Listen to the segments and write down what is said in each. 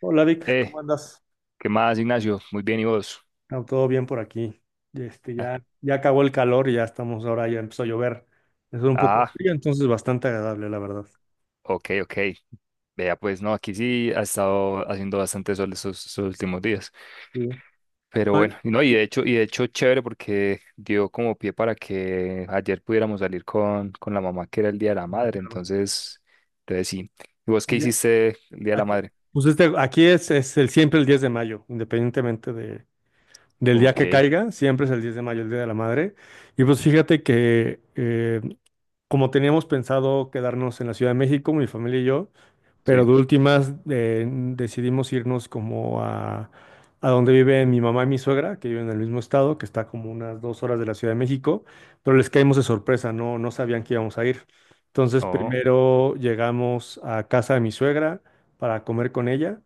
Hola Vic, Eh, ¿cómo andas? ¿Qué más, Ignacio? Muy bien, ¿y vos? No, todo bien por aquí. Este, Ah, ya, ya acabó el calor y ya estamos ahora, ya empezó a llover. Es un poco ah, frío, entonces bastante agradable, la verdad. ok, ok. Vea, pues no, aquí sí ha estado haciendo bastante sol estos últimos días. Sí. Pero Ay, bueno, y no, y de hecho, chévere porque dio como pie para que ayer pudiéramos salir con la mamá, que era el Día de la Madre. claro. Entonces, sí. ¿Y vos qué Oye, hiciste el Día de la aquí- Madre? Aquí es el, siempre el 10 de mayo, independientemente del día Ok, que caiga, siempre es el 10 de mayo, el Día de la Madre. Y pues fíjate que como teníamos pensado quedarnos en la Ciudad de México, mi familia y yo. Pero sí. de últimas decidimos irnos como a donde vive mi mamá y mi suegra, que viven en el mismo estado, que está como unas 2 horas de la Ciudad de México, pero les caímos de sorpresa, no, no sabían que íbamos a ir. Entonces Oh, primero llegamos a casa de mi suegra para comer con ella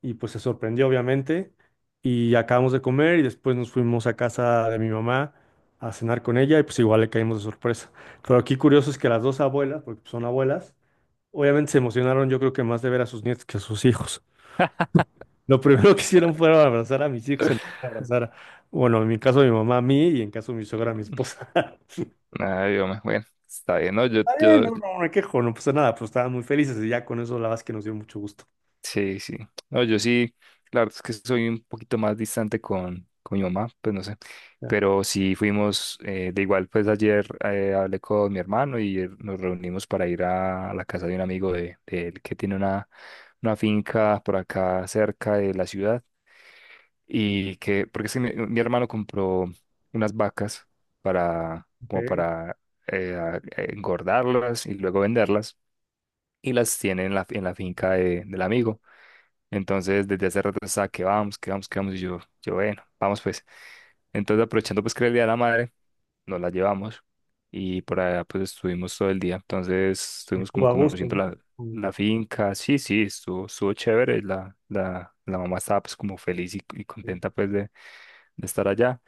y pues se sorprendió obviamente, y acabamos de comer y después nos fuimos a casa de mi mamá a cenar con ella y pues igual le caímos de sorpresa. Pero aquí curioso es que las dos abuelas, porque son abuelas, obviamente se emocionaron, yo creo que más de ver a sus nietos que a sus hijos. Lo primero que hicieron fue abrazar a mis hijos, en lugar de abrazar, bueno, en mi caso mi mamá a mí y en caso de mi suegra a mi esposa. ay, hombre, bueno, está bien, ¿no? Yo, Está bien, yo, no, no me quejo, no pasa nada, pero estaban muy felices y ya con eso la verdad es que nos dio mucho gusto. sí, sí. No, yo sí, la verdad es que soy un poquito más distante con mi mamá, pues no sé. Ya, Pero sí fuimos, de igual, pues ayer hablé con mi hermano y nos reunimos para ir a la casa de un amigo de él que tiene una finca por acá cerca de la ciudad. Y que, porque es que mi hermano compró unas vacas para, como ok, para engordarlas y luego venderlas. Y las tiene en la finca del amigo. Entonces, desde hace rato estaba que vamos, que vamos, que vamos. Y yo, bueno, vamos pues. Entonces, aprovechando pues que era el Día de la Madre, nos la llevamos y por allá pues estuvimos todo el día. Entonces, Y estuvimos Estuvo como a gusto, conociendo ¿no? la, Sí, la finca. Sí, sí, estuvo chévere. La mamá estaba pues como feliz y contenta pues de estar allá.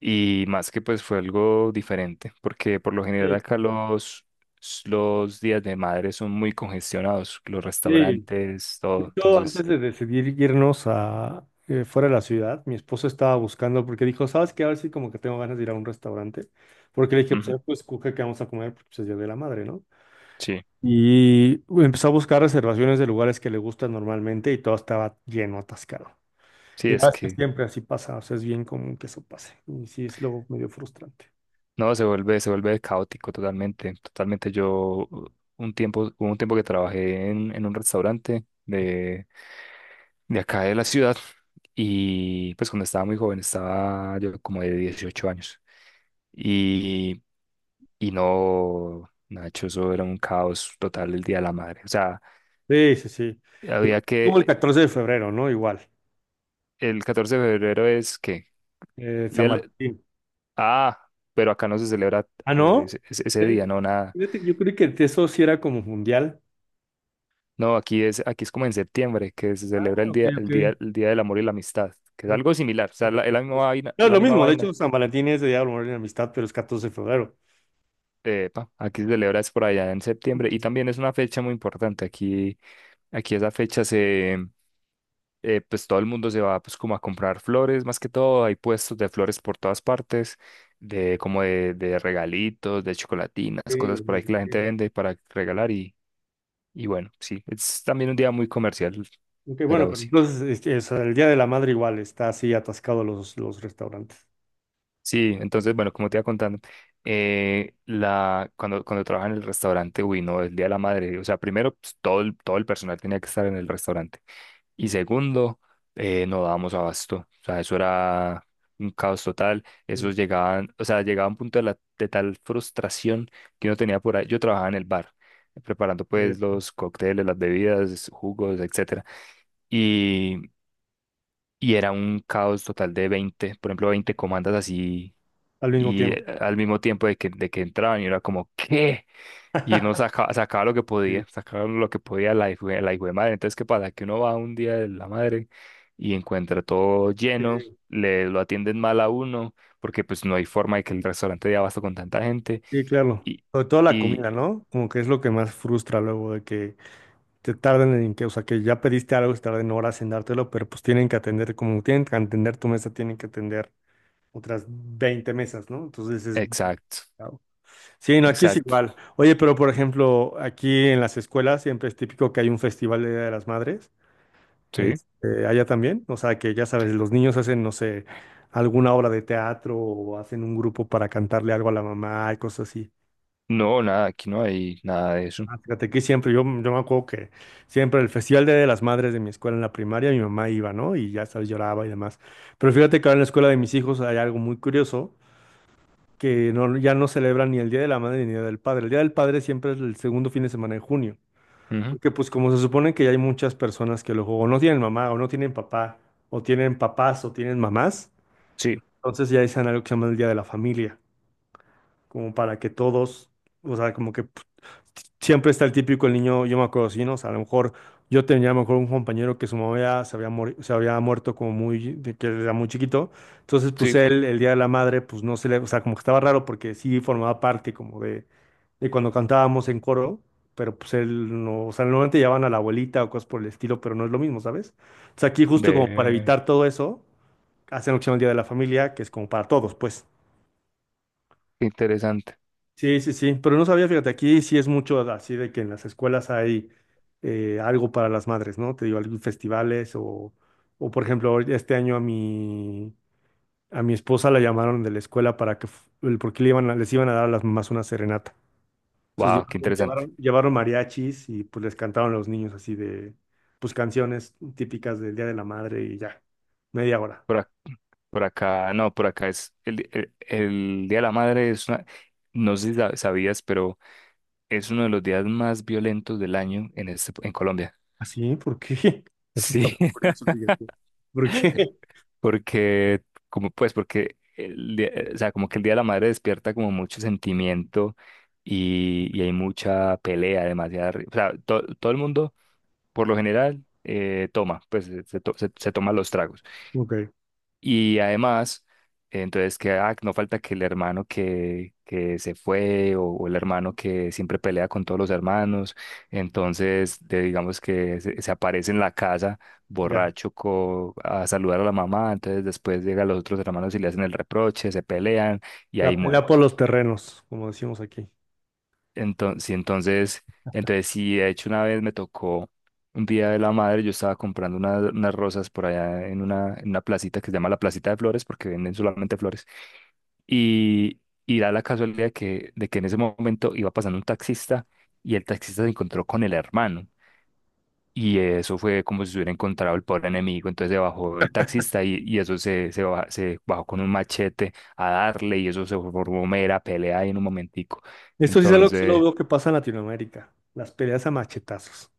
Y más que pues fue algo diferente, porque por lo general sí. acá Sí. los días de madre son muy congestionados, los Sí. restaurantes, De todo. hecho, antes de decidir irnos a fuera de la ciudad, mi esposa estaba buscando porque dijo, ¿sabes qué? A ver si como que tengo ganas de ir a un restaurante. Porque le dije, pues, a Ujú. ver, pues escoge qué vamos a comer, porque pues, es Día de la Madre, ¿no? Sí, Y empezó a buscar reservaciones de lugares que le gustan normalmente y todo estaba lleno, atascado. sí, Y la es verdad es que que siempre así pasa, o sea, es bien común que eso pase. Y sí, es luego medio frustrante. no se vuelve, se vuelve caótico totalmente, totalmente. Yo hubo un tiempo que trabajé en un restaurante de acá de la ciudad y pues cuando estaba muy joven, estaba yo como de 18 años y, y no, Nacho, eso era un caos total el Día de la Madre. O sea, Sí, sí, sí. había Como el que, 14 de febrero, ¿no? Igual. el 14 de febrero es que, San Valentín. ah, pero acá no se celebra Ah, ¿no? ese día, Fíjate- no nada. fíjate, yo creo que eso sí era como mundial. No, aquí es como en septiembre, que se Ah, celebra ok, ok. El Día del Amor y la Amistad, que es No, algo similar, o sea, es la misma vaina, es la lo misma mismo, de hecho, vaina. San Valentín es de Día de Amor y Amistad, pero es 14 de febrero. Pa, aquí se celebra es por allá en septiembre y también es una fecha muy importante. Aquí esa fecha pues todo el mundo se va pues como a comprar flores, más que todo, hay puestos de flores por todas partes, de como de regalitos, de chocolatinas, Sí, cosas lo por ahí mismo, que la gente sí. vende para regalar y bueno, sí, es también un día muy comercial, Ok, bueno, pero pero sí. entonces o sea, el Día de la Madre igual está así atascado los restaurantes. Sí, entonces, bueno, como te iba contando, cuando trabajaba en el restaurante, uy, no, el Día de la Madre, o sea, primero, pues, todo el personal tenía que estar en el restaurante. Y segundo, no dábamos abasto, o sea, eso era un caos total. Sí. Esos llegaban, o sea, llegaba un punto de tal frustración que uno tenía por ahí. Yo trabajaba en el bar, preparando eh, pues los cócteles, las bebidas, jugos, etcétera. Y, y era un caos total de 20, por ejemplo, 20 comandas así al mismo y tiempo. Al mismo tiempo de que entraban y era como, ¿qué? Y uno sacaba, sacaba lo que Sí, podía, sacaba lo que podía la hijo de madre. Entonces, ¿qué pasa? Que uno va un día de la madre y encuentra todo sí, lleno, le lo atienden mal a uno, porque pues no hay forma de que el restaurante dé abasto con tanta gente. sí, claro. Y, Sobre todo la y, comida, ¿no? Como que es lo que más frustra luego de que te tarden en que, o sea, que ya pediste algo y tarden horas en dártelo, pero pues tienen que atender, como tienen que atender tu mesa, tienen que atender otras 20 mesas, ¿no? Entonces es exacto, complicado. Sí, no, aquí es exacto, igual. Oye, pero por ejemplo, aquí en las escuelas siempre es típico que hay un festival de Día de las Madres. sí. Allá también, o sea que ya sabes, los niños hacen, no sé, alguna obra de teatro o hacen un grupo para cantarle algo a la mamá y cosas así. No, nada, aquí no hay nada de eso. Ah, fíjate que siempre, yo me acuerdo que siempre el Festival Día de las Madres de mi escuela en la primaria, mi mamá iba, ¿no? Y ya sabes, lloraba y demás. Pero fíjate que ahora en la escuela de mis hijos hay algo muy curioso, que no, ya no celebran ni el Día de la Madre ni el Día del Padre. El Día del Padre siempre es el segundo fin de semana de junio. Ujú, Porque pues como se supone que ya hay muchas personas que luego o no tienen mamá o no tienen papá o tienen papás o tienen mamás, sí, entonces ya dicen algo que se llama el Día de la Familia, como para que todos, o sea, como que pues, siempre está el típico el niño, yo me acuerdo, sí, ¿no? O sea, a lo mejor yo tenía a lo mejor un compañero que su mamá ya se había, se había muerto como muy, de que era muy chiquito, entonces pues sí, él, el Día de la Madre, pues no se le, o sea, como que estaba raro porque sí formaba parte como de cuando cantábamos en coro, pero pues él no, o sea, normalmente llevaban a la abuelita o cosas por el estilo, pero no es lo mismo, ¿sabes? Entonces aquí justo como para ve, evitar todo eso, hacen lo que se llama el Día de la Familia, que es como para todos, pues. qué interesante. Sí, sí, sí, pero no sabía, fíjate, aquí sí es mucho así de que en las escuelas hay algo para las madres, ¿no? Te digo, algún festivales o, por ejemplo, este año a mi esposa la llamaron de la escuela para que, porque les iban a dar a las mamás una serenata. Entonces Wow, qué llevaron, interesante. llevaron, llevaron mariachis y pues les cantaron a los niños así de, pues canciones típicas del Día de la Madre y ya, media hora. Por, ac- por acá, no, por acá es el Día de la Madre es una, no sé si sabías, pero es uno de los días más violentos del año en en Colombia. ¿Así? ¿Por qué? Eso está Sí, muy curioso, fíjate. ¿Por qué? porque, como pues, porque o sea, como que el Día de la Madre despierta como mucho sentimiento y hay mucha pelea, demasiada, o sea, todo el mundo, por lo general, toma, pues se toma los tragos. Ok, Y además, entonces que ah, no falta que el hermano que se fue o el hermano que siempre pelea con todos los hermanos, entonces digamos que se aparece en la casa ya. borracho a saludar a la mamá, entonces después llegan los otros hermanos y le hacen el reproche, se pelean y La ahí pelea por muerto. los terrenos, como decimos aquí. Entonces, sí, entonces, sí, de hecho una vez me tocó un día de la madre, yo estaba comprando unas rosas por allá en una placita que se llama la Placita de Flores porque venden solamente flores. Y, y da la casualidad de que en ese momento iba pasando un taxista y el taxista se encontró con el hermano. Y eso fue como si se hubiera encontrado el pobre enemigo. Entonces se bajó el taxista y eso se bajó con un machete a darle y eso se formó mera pelea ahí en un momentico. Esto sí es algo que solo Entonces, veo que pasa en Latinoamérica, las peleas a machetazos.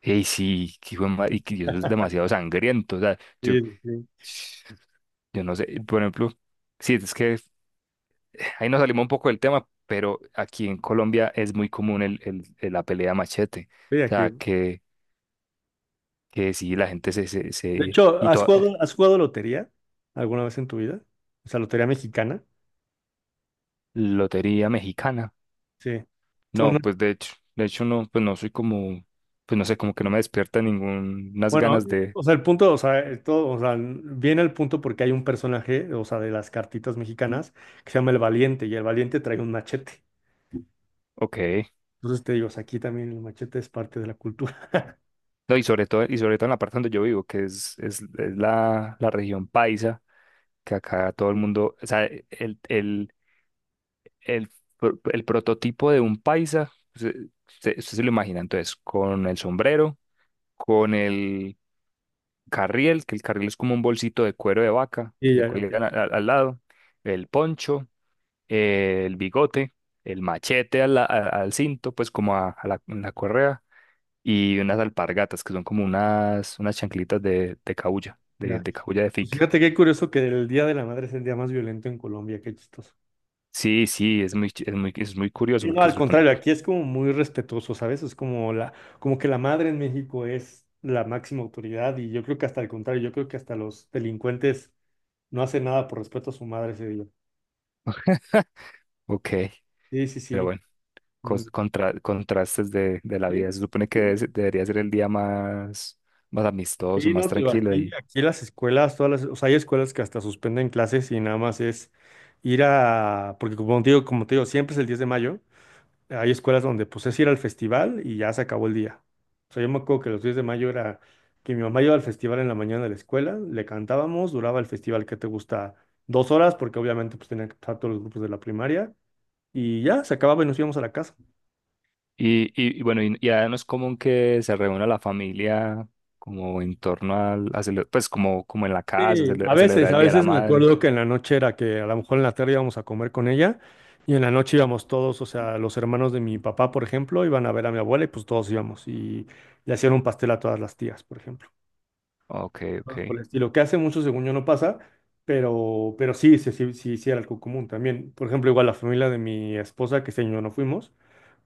hey, sí, que y que eso es demasiado sangriento. O sea, Sí, sí, sí. yo no sé, por ejemplo, sí, es que ahí nos salimos un poco del tema, pero aquí en Colombia es muy común la pelea machete. Sí, O aquí. sea, que sí, la gente se... se, De se- hecho, y toda, has jugado lotería alguna vez en tu vida? O sea, lotería mexicana. lotería mexicana. Sí. Son No, unas- pues de hecho no, pues no soy como, pues no sé, como que no me despierta ningunas bueno, ganas o sea, el punto, o sea, esto, o sea, viene el punto porque hay un personaje, o sea, de las cartitas mexicanas que se llama El Valiente y el Valiente trae un machete. ok. Entonces te digo, o sea, aquí también el machete es parte de la cultura. No, y sobre todo en la parte donde yo vivo, que es la región paisa, que acá todo el mundo, o sea, el, el prototipo de un paisa, usted se lo imagina entonces, con el sombrero, con el carriel, que el carriel es como un bolsito de cuero de vaca Sí, que se ya, ya, ok. cuelga al lado, el poncho, el bigote, el machete al cinto, pues como en la correa, y unas alpargatas que son como unas chanclitas de cabuya, Ya. de cabuya de Pues fique. fíjate qué curioso que el Día de la Madre es el día más violento en Colombia, qué chistoso. Sí, sí, es muy, ch- es muy curioso Y no, porque al se supone, contrario, aquí es como muy respetuoso, ¿sabes? Es como la, como que la madre en México es la máxima autoridad y yo creo que hasta el contrario, yo creo que hasta los delincuentes no hacen nada por respeto a su madre ese día. ok, Sí, sí, pero sí. bueno. Muy- Contrastes de la Sí, vida. Se supone que sí. Debería ser el día más, más amistoso, Sí, más no, te digo, tranquilo aquí, y, aquí las escuelas, todas las, o sea, hay escuelas que hasta suspenden clases y nada más es ir a, porque como te digo, siempre es el 10 de mayo. Hay escuelas donde pues es ir al festival y ya se acabó el día. O sea, yo me acuerdo que los 10 de mayo era que mi mamá iba al festival en la mañana de la escuela, le cantábamos, duraba el festival que te gusta 2 horas, porque obviamente pues tenían que estar todos los grupos de la primaria, y ya se acababa y nos íbamos a la casa. y, y, y bueno, y ahora no es común que se reúna la familia como en torno pues como en la casa, Sí, a celebrar a el Día de la veces me Madre. acuerdo que en la noche era que a lo mejor en la tarde íbamos a comer con ella, y en la noche íbamos todos, o sea, los hermanos de mi papá, por ejemplo, iban a ver a mi abuela y pues todos íbamos, y le hacían un pastel a todas las tías, por ejemplo. Ok, Cosas ok. por el estilo, que hace mucho, según yo, no pasa, pero sí, sí, sí, sí, sí era algo común también. Por ejemplo, igual la familia de mi esposa, que este año no fuimos,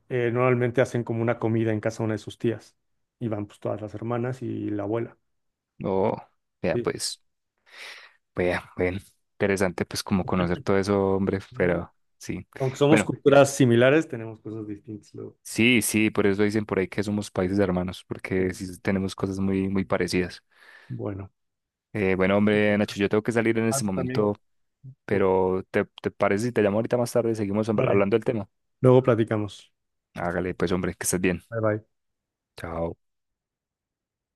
normalmente hacen como una comida en casa de una de sus tías, y van pues todas las hermanas y la abuela. Oh, vea, Sí. pues, vea, bueno, interesante pues como conocer todo eso, hombre, Sí. pero sí. Aunque somos Bueno, culturas similares, tenemos cosas distintas luego. sí, sí, por eso dicen por ahí que somos países hermanos, porque Sí. sí tenemos cosas muy, muy parecidas. Bueno, Bueno, hombre, ok. Nacho, yo tengo que salir en Ah, este tú también. momento, Ok. pero ¿te parece si te llamo ahorita más tarde y seguimos Dale. hablando del tema? Luego platicamos. Que estés- Hágale, pues, hombre, que estés bien. Bye bye. Chao.